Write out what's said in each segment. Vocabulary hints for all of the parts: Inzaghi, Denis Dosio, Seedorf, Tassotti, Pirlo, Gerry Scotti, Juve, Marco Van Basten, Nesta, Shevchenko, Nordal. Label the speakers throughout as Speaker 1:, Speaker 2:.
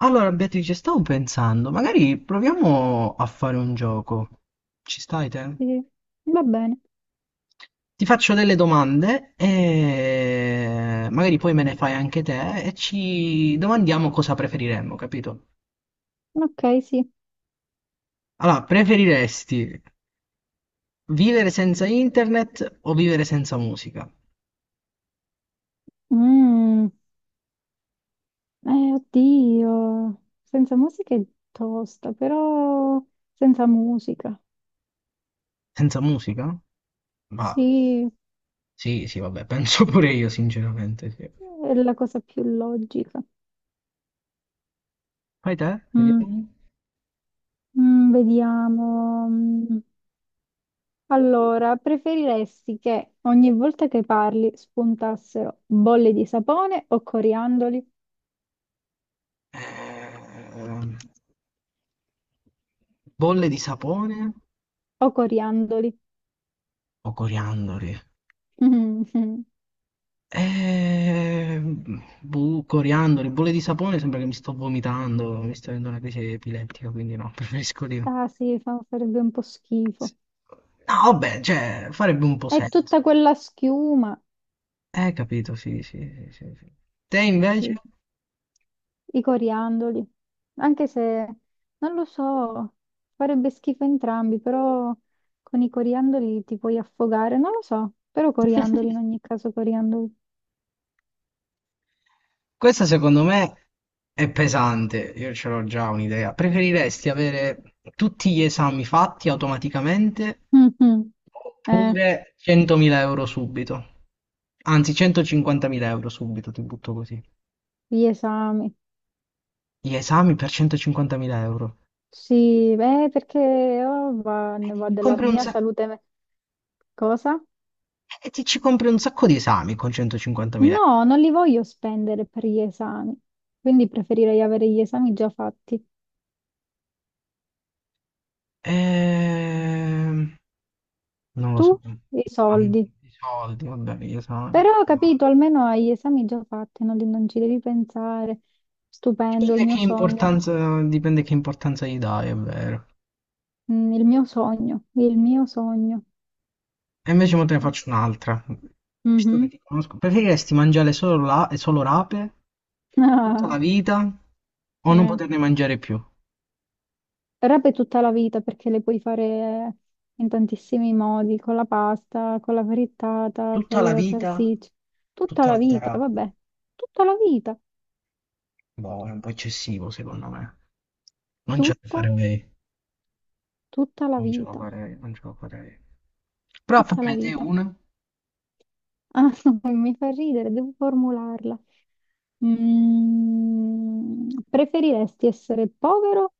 Speaker 1: Allora, Beatrice, stavo pensando, magari proviamo a fare un gioco. Ci stai te?
Speaker 2: Sì, va bene.
Speaker 1: Ti faccio delle domande e magari poi me ne fai anche te e ci domandiamo cosa preferiremmo, capito?
Speaker 2: Ok, sì.
Speaker 1: Allora, preferiresti vivere senza internet o vivere senza musica?
Speaker 2: Mm. Oddio. Senza musica è tosta, però senza musica.
Speaker 1: Senza musica? Ma
Speaker 2: Sì,
Speaker 1: sì, sì, vabbè, penso pure io, sinceramente, sì.
Speaker 2: è la cosa più logica.
Speaker 1: Fai te,
Speaker 2: Mm.
Speaker 1: vediamo.
Speaker 2: Vediamo. Mm. Allora, preferiresti che ogni volta che parli spuntassero bolle di sapone o coriandoli?
Speaker 1: Eh, bolle di sapone
Speaker 2: O coriandoli?
Speaker 1: o coriandoli? Boh, coriandoli, bolle di sapone, sembra che mi sto vomitando, mi sto avendo una crisi epilettica, quindi no, preferisco di no.
Speaker 2: Ah sì, farebbe un po'
Speaker 1: Sì.
Speaker 2: schifo.
Speaker 1: No, vabbè, cioè, farebbe un po'
Speaker 2: È tutta
Speaker 1: senso.
Speaker 2: quella schiuma.
Speaker 1: Capito, sì, sì, sì, sì, sì. Te invece?
Speaker 2: Sì, i coriandoli. Anche se, non lo so, farebbe schifo entrambi, però con i coriandoli ti puoi affogare, non lo so, però coriandoli in ogni caso, coriandoli.
Speaker 1: Questa secondo me è pesante, io ce l'ho già un'idea. Preferiresti avere tutti gli esami fatti automaticamente
Speaker 2: Mhm. Eh,
Speaker 1: oppure 100.000 euro subito? Anzi, 150.000 euro subito, ti butto così.
Speaker 2: gli esami.
Speaker 1: Gli esami per 150.000 euro.
Speaker 2: Sì, beh, perché oh, ne va della
Speaker 1: Compri un
Speaker 2: mia
Speaker 1: sac-
Speaker 2: salute. Cosa?
Speaker 1: e ti ci compri un sacco di esami con 150.000 euro.
Speaker 2: No, non li voglio spendere per gli esami, quindi preferirei avere gli esami già fatti.
Speaker 1: Ehm, Non lo
Speaker 2: Tu,
Speaker 1: so.
Speaker 2: i
Speaker 1: No, i
Speaker 2: soldi.
Speaker 1: soldi, vabbè, gli esami.
Speaker 2: Però ho capito, almeno hai gli esami già fatti, no? Non ci devi pensare. Stupendo, il mio sogno.
Speaker 1: Dipende che importanza gli dai, è vero.
Speaker 2: Il mio sogno, il mio sogno.
Speaker 1: E invece mo te ne faccio un'altra, visto che
Speaker 2: Mhm.
Speaker 1: ti conosco. Preferiresti mangiare solo, solo rape tutta
Speaker 2: Ah,
Speaker 1: la vita o non
Speaker 2: eh.
Speaker 1: poterne mangiare più?
Speaker 2: Però per tutta la vita, perché le puoi fare in tantissimi modi, con la pasta, con la frittata,
Speaker 1: Tutta
Speaker 2: con
Speaker 1: la
Speaker 2: le
Speaker 1: vita,
Speaker 2: salsicce. Tutta
Speaker 1: tutta
Speaker 2: la
Speaker 1: la vita
Speaker 2: vita,
Speaker 1: rape.
Speaker 2: vabbè. Tutta la vita.
Speaker 1: Boh, è un po' eccessivo secondo me. Non ce la
Speaker 2: Tutta,
Speaker 1: farei,
Speaker 2: tutta la vita.
Speaker 1: non ce la farei. Però
Speaker 2: Tutta la
Speaker 1: fammi te
Speaker 2: vita.
Speaker 1: una.
Speaker 2: Ah, mi fa ridere, devo formularla. Preferiresti essere povero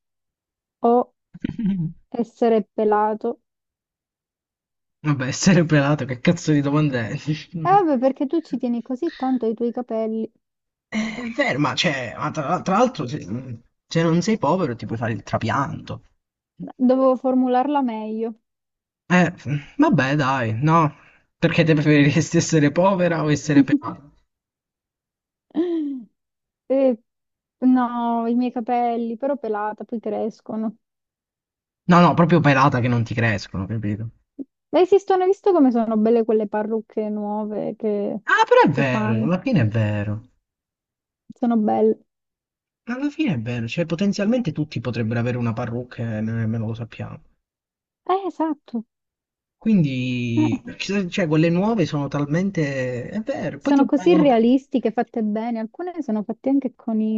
Speaker 2: o essere pelato?
Speaker 1: Vabbè, essere pelato, che cazzo di domanda è?
Speaker 2: Eh vabbè, perché tu ci tieni così tanto ai tuoi capelli.
Speaker 1: È vero, ma, cioè, ma tra l'altro se non sei povero ti puoi fare il trapianto.
Speaker 2: Dovevo formularla meglio.
Speaker 1: Eh, vabbè, dai, no. Perché te preferiresti essere povera o essere pelata?
Speaker 2: Eh, no, i miei capelli, però pelata, poi crescono.
Speaker 1: No, no, proprio pelata che non ti crescono, capito?
Speaker 2: Ma esistono, hai visto come sono belle quelle parrucche nuove che,
Speaker 1: Ah, però è
Speaker 2: che
Speaker 1: vero,
Speaker 2: fanno?
Speaker 1: alla fine è vero.
Speaker 2: Sono belle.
Speaker 1: Alla fine è vero, cioè potenzialmente tutti potrebbero avere una parrucca e noi nemmeno lo sappiamo.
Speaker 2: Esatto.
Speaker 1: Quindi,
Speaker 2: Eh.
Speaker 1: cioè, quelle nuove sono talmente... È vero, poi
Speaker 2: Sono
Speaker 1: ti
Speaker 2: così
Speaker 1: vengono
Speaker 2: realistiche, fatte bene. Alcune sono fatte anche con i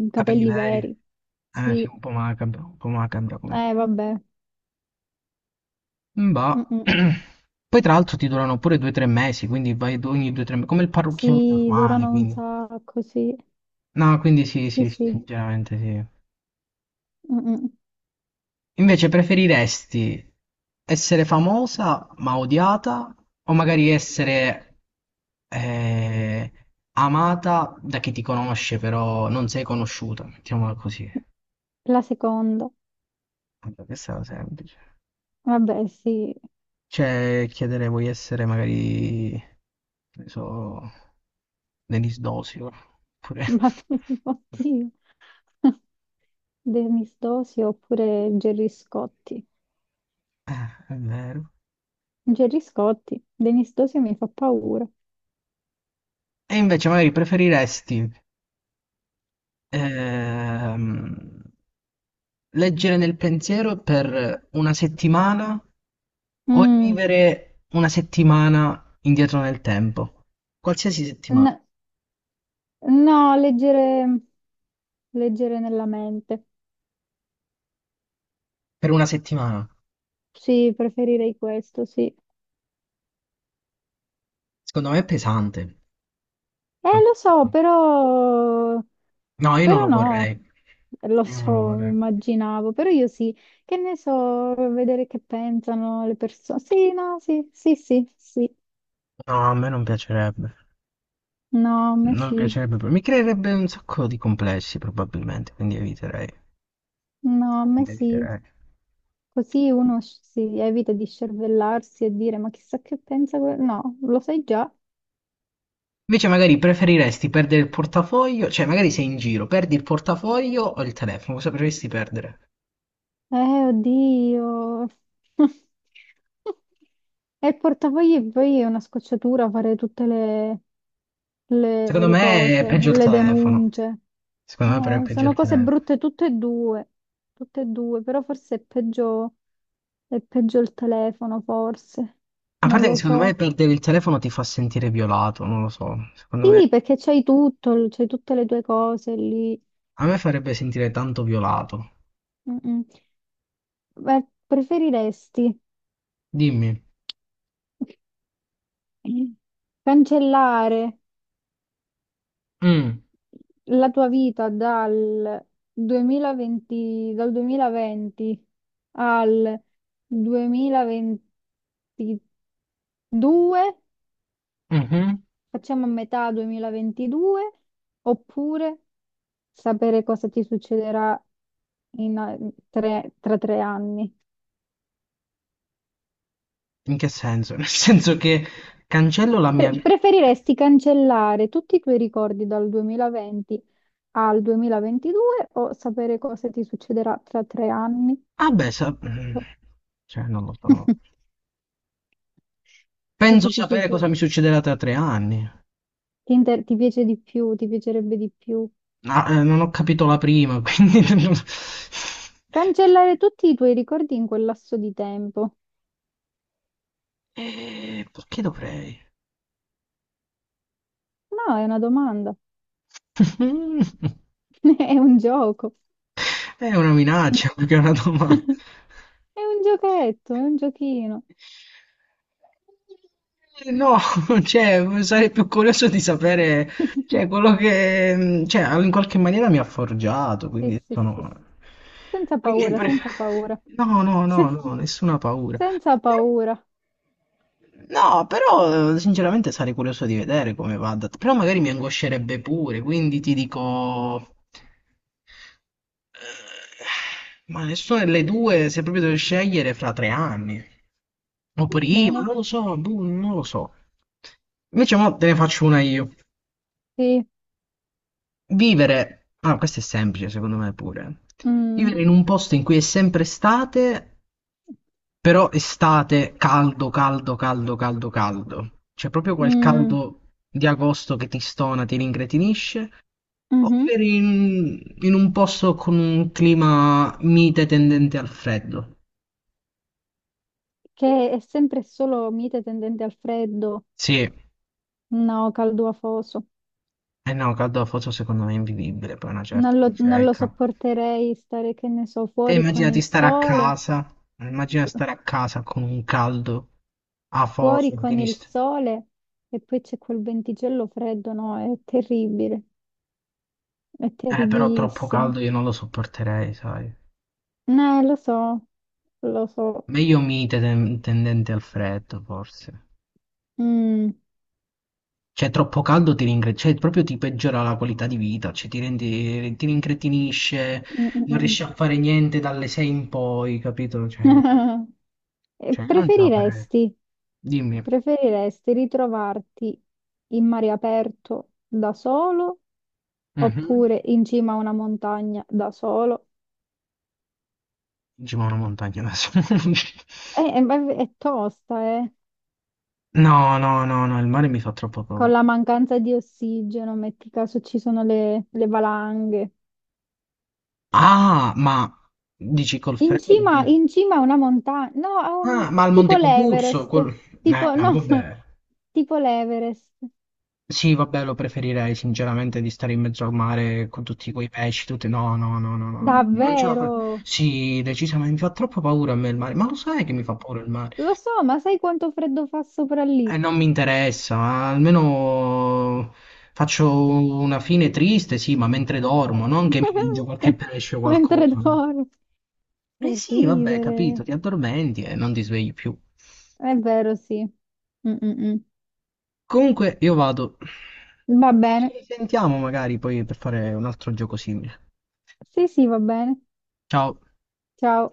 Speaker 2: i
Speaker 1: capelli
Speaker 2: capelli
Speaker 1: veri.
Speaker 2: veri.
Speaker 1: Eh sì,
Speaker 2: Sì,
Speaker 1: un po' macabro come...
Speaker 2: vabbè.
Speaker 1: Bah.
Speaker 2: Mm-mm.
Speaker 1: Poi tra l'altro ti durano pure 2 o 3 mesi, quindi ogni 2 o 3 mesi, come il parrucchiere
Speaker 2: Sì,
Speaker 1: normale,
Speaker 2: durano un
Speaker 1: quindi.
Speaker 2: sacco, sì.
Speaker 1: No, quindi sì,
Speaker 2: Sì,
Speaker 1: sì, sì,
Speaker 2: sì.
Speaker 1: sinceramente sì.
Speaker 2: Mm-mm.
Speaker 1: Invece preferiresti essere famosa ma odiata o magari essere eh, amata da chi ti conosce però non sei conosciuta? Mettiamola così.
Speaker 2: La seconda.
Speaker 1: Vabbè, questa è semplice.
Speaker 2: Vabbè, sì.
Speaker 1: Cioè, chiedere vuoi essere magari, che ne so, Denis Dosio, oppure...
Speaker 2: Ma tu, oddio. Denis Dosio oppure Gerry Scotti.
Speaker 1: Eh, è vero.
Speaker 2: Gerry Scotti. Denis Dosio mi fa paura.
Speaker 1: E invece magari preferiresti ehm, leggere nel pensiero per una settimana o
Speaker 2: Mm.
Speaker 1: vivere una settimana indietro nel tempo? Qualsiasi settimana,
Speaker 2: N- no, leggere nella mente.
Speaker 1: per una settimana.
Speaker 2: Sì, preferirei questo, sì.
Speaker 1: Secondo me è pesante.
Speaker 2: Lo so, però...
Speaker 1: No, io non
Speaker 2: però
Speaker 1: lo
Speaker 2: no,
Speaker 1: vorrei.
Speaker 2: lo
Speaker 1: Io non lo
Speaker 2: so,
Speaker 1: vorrei.
Speaker 2: immaginavo, però io sì, che ne so, vedere che pensano le persone. Sì, no, sì, sì, sì, sì,
Speaker 1: No, a me non piacerebbe.
Speaker 2: no, a me
Speaker 1: Non
Speaker 2: sì,
Speaker 1: piacerebbe, mi creerebbe un sacco di complessi probabilmente, quindi eviterei.
Speaker 2: no, a me
Speaker 1: quindi
Speaker 2: sì.
Speaker 1: eviterei.
Speaker 2: Così uno si evita di scervellarsi e dire, ma chissà che pensa. No, lo sai già.
Speaker 1: Invece magari preferiresti perdere il portafoglio, cioè magari sei in giro, perdi il portafoglio o il telefono, cosa preferiresti perdere?
Speaker 2: Eh, oddio. E il portafogli poi è una scocciatura fare tutte le, le-
Speaker 1: Secondo
Speaker 2: le
Speaker 1: me è
Speaker 2: cose,
Speaker 1: peggio il
Speaker 2: le
Speaker 1: telefono.
Speaker 2: denunce.
Speaker 1: Secondo me però è peggio il
Speaker 2: Sono cose
Speaker 1: telefono.
Speaker 2: brutte tutte e due, però forse è peggio il telefono, forse.
Speaker 1: A
Speaker 2: Non
Speaker 1: parte che
Speaker 2: lo
Speaker 1: secondo
Speaker 2: so.
Speaker 1: me perdere il telefono ti fa sentire violato, non lo so. Secondo me
Speaker 2: Sì, perché c'hai tutto, c'hai tutte le tue cose lì.
Speaker 1: a me farebbe sentire tanto violato.
Speaker 2: Mm, mm. Beh, preferiresti
Speaker 1: Dimmi.
Speaker 2: cancellare
Speaker 1: Mm,
Speaker 2: la tua vita dal 2020, al 2022,
Speaker 1: mhm.
Speaker 2: facciamo a metà 2022, oppure sapere cosa ti succederà in a- tra tre anni.
Speaker 1: In che senso? Nel senso che cancello la mia vi
Speaker 2: Preferiresti cancellare tutti i tuoi ricordi dal 2020 al 2022 o sapere cosa ti succederà tra tre anni?
Speaker 1: ah beh sa cioè non lo so. Penso
Speaker 2: Proprio ti
Speaker 1: sapere
Speaker 2: piace,
Speaker 1: cosa mi succederà tra tre anni.
Speaker 2: ti piace di più, ti piacerebbe di più
Speaker 1: Ah, non ho capito la prima, quindi...
Speaker 2: cancellare tutti i tuoi ricordi in quel lasso di tempo?
Speaker 1: Perché dovrei?
Speaker 2: No, è una domanda, è un gioco,
Speaker 1: È una minaccia più che una domanda.
Speaker 2: è un giochetto, è un giochino.
Speaker 1: No, cioè, sarei più curioso di sapere, cioè, quello che, cioè, in qualche maniera mi ha forgiato,
Speaker 2: Sì,
Speaker 1: quindi
Speaker 2: sì, sì,
Speaker 1: sono...
Speaker 2: sì. Senza
Speaker 1: Quindi,
Speaker 2: paura, senza paura,
Speaker 1: no, no, no,
Speaker 2: Sen-
Speaker 1: no, nessuna paura.
Speaker 2: senza paura.
Speaker 1: No, però, sinceramente, sarei curioso di vedere come va. Però magari mi angoscerebbe pure, quindi ti dico... Eh, ma nessuna delle due, se proprio devo scegliere, fra 3 anni. O
Speaker 2: Va
Speaker 1: prima,
Speaker 2: bene,
Speaker 1: non lo so, boh, non lo so. Invece mo te ne faccio una io.
Speaker 2: sì.
Speaker 1: Vivere, ah, questo è semplice secondo me pure.
Speaker 2: Mm,
Speaker 1: Vivere in un posto in cui è sempre estate, però estate caldo, caldo, caldo, caldo, caldo. Cioè proprio quel
Speaker 2: mm,
Speaker 1: caldo di agosto che ti stona, ti rincretinisce. O
Speaker 2: mhm.
Speaker 1: vivere in un posto con un clima mite tendente al freddo.
Speaker 2: Che è sempre solo mite tendente al freddo,
Speaker 1: Sì, eh
Speaker 2: no, caldo afoso.
Speaker 1: no, Caldofo secondo me è invivibile, poi una certa
Speaker 2: Non lo
Speaker 1: ricerca.
Speaker 2: sopporterei stare, che ne so,
Speaker 1: Te
Speaker 2: fuori con
Speaker 1: immaginati
Speaker 2: il
Speaker 1: stare a
Speaker 2: sole,
Speaker 1: casa, immagina stare a casa con un caldo a
Speaker 2: fuori
Speaker 1: fosso,
Speaker 2: con il sole e poi c'è quel venticello freddo, no? È terribile, è
Speaker 1: Però troppo
Speaker 2: terribilissimo.
Speaker 1: caldo io non lo sopporterei, sai.
Speaker 2: Lo so, lo so.
Speaker 1: Meglio mite tendente al freddo, forse.
Speaker 2: Mm,
Speaker 1: Cioè, troppo caldo cioè, proprio ti peggiora la qualità di vita, cioè ti rendi, ti rincretinisce,
Speaker 2: mm,
Speaker 1: non
Speaker 2: mm,
Speaker 1: riesci a fare niente dalle sei in poi, capito? Cioè,
Speaker 2: mm. E
Speaker 1: cioè io non ce la farei.
Speaker 2: Preferiresti,
Speaker 1: Dimmi.
Speaker 2: preferiresti ritrovarti in mare aperto da solo
Speaker 1: Mhm.
Speaker 2: oppure in cima a una montagna da solo?
Speaker 1: Ci ma una montagna adesso.
Speaker 2: Ma è tosta, eh.
Speaker 1: No, no, no, no, il mare mi fa troppo
Speaker 2: Con
Speaker 1: paura.
Speaker 2: la mancanza di ossigeno, metti caso ci sono le valanghe.
Speaker 1: Ah, ma dici col
Speaker 2: In cima,
Speaker 1: freddo?
Speaker 2: in cima a una montagna, no,
Speaker 1: Ah, ma al Monte
Speaker 2: tipo
Speaker 1: Cucuzzo?
Speaker 2: l'Everest,
Speaker 1: Col...
Speaker 2: tipo,
Speaker 1: no,
Speaker 2: no,
Speaker 1: vabbè.
Speaker 2: tipo l'Everest.
Speaker 1: Sì, vabbè, lo preferirei sinceramente di stare in mezzo al mare con tutti quei pesci, tutti... No, no, no, no, no, no. Non ce la fa...
Speaker 2: Davvero?
Speaker 1: Sì, decisamente mi fa troppo paura a me il mare. Ma lo sai che mi fa paura il mare?
Speaker 2: Lo so, ma sai quanto freddo fa sopra
Speaker 1: E
Speaker 2: lì?
Speaker 1: non mi interessa, almeno faccio una fine triste, sì, ma mentre dormo, non che mi mangio qualche pesce o
Speaker 2: Mentre
Speaker 1: qualcosa, no?
Speaker 2: dormi.
Speaker 1: Eh
Speaker 2: Che
Speaker 1: sì, vabbè, capito,
Speaker 2: ridere.
Speaker 1: ti addormenti e non ti svegli più.
Speaker 2: È vero, sì. Mm, mm,
Speaker 1: Comunque, io vado.
Speaker 2: mm. Va
Speaker 1: Ci
Speaker 2: bene.
Speaker 1: risentiamo magari poi per fare un altro gioco simile.
Speaker 2: Sì, sì, va bene.
Speaker 1: Ciao.
Speaker 2: Ciao.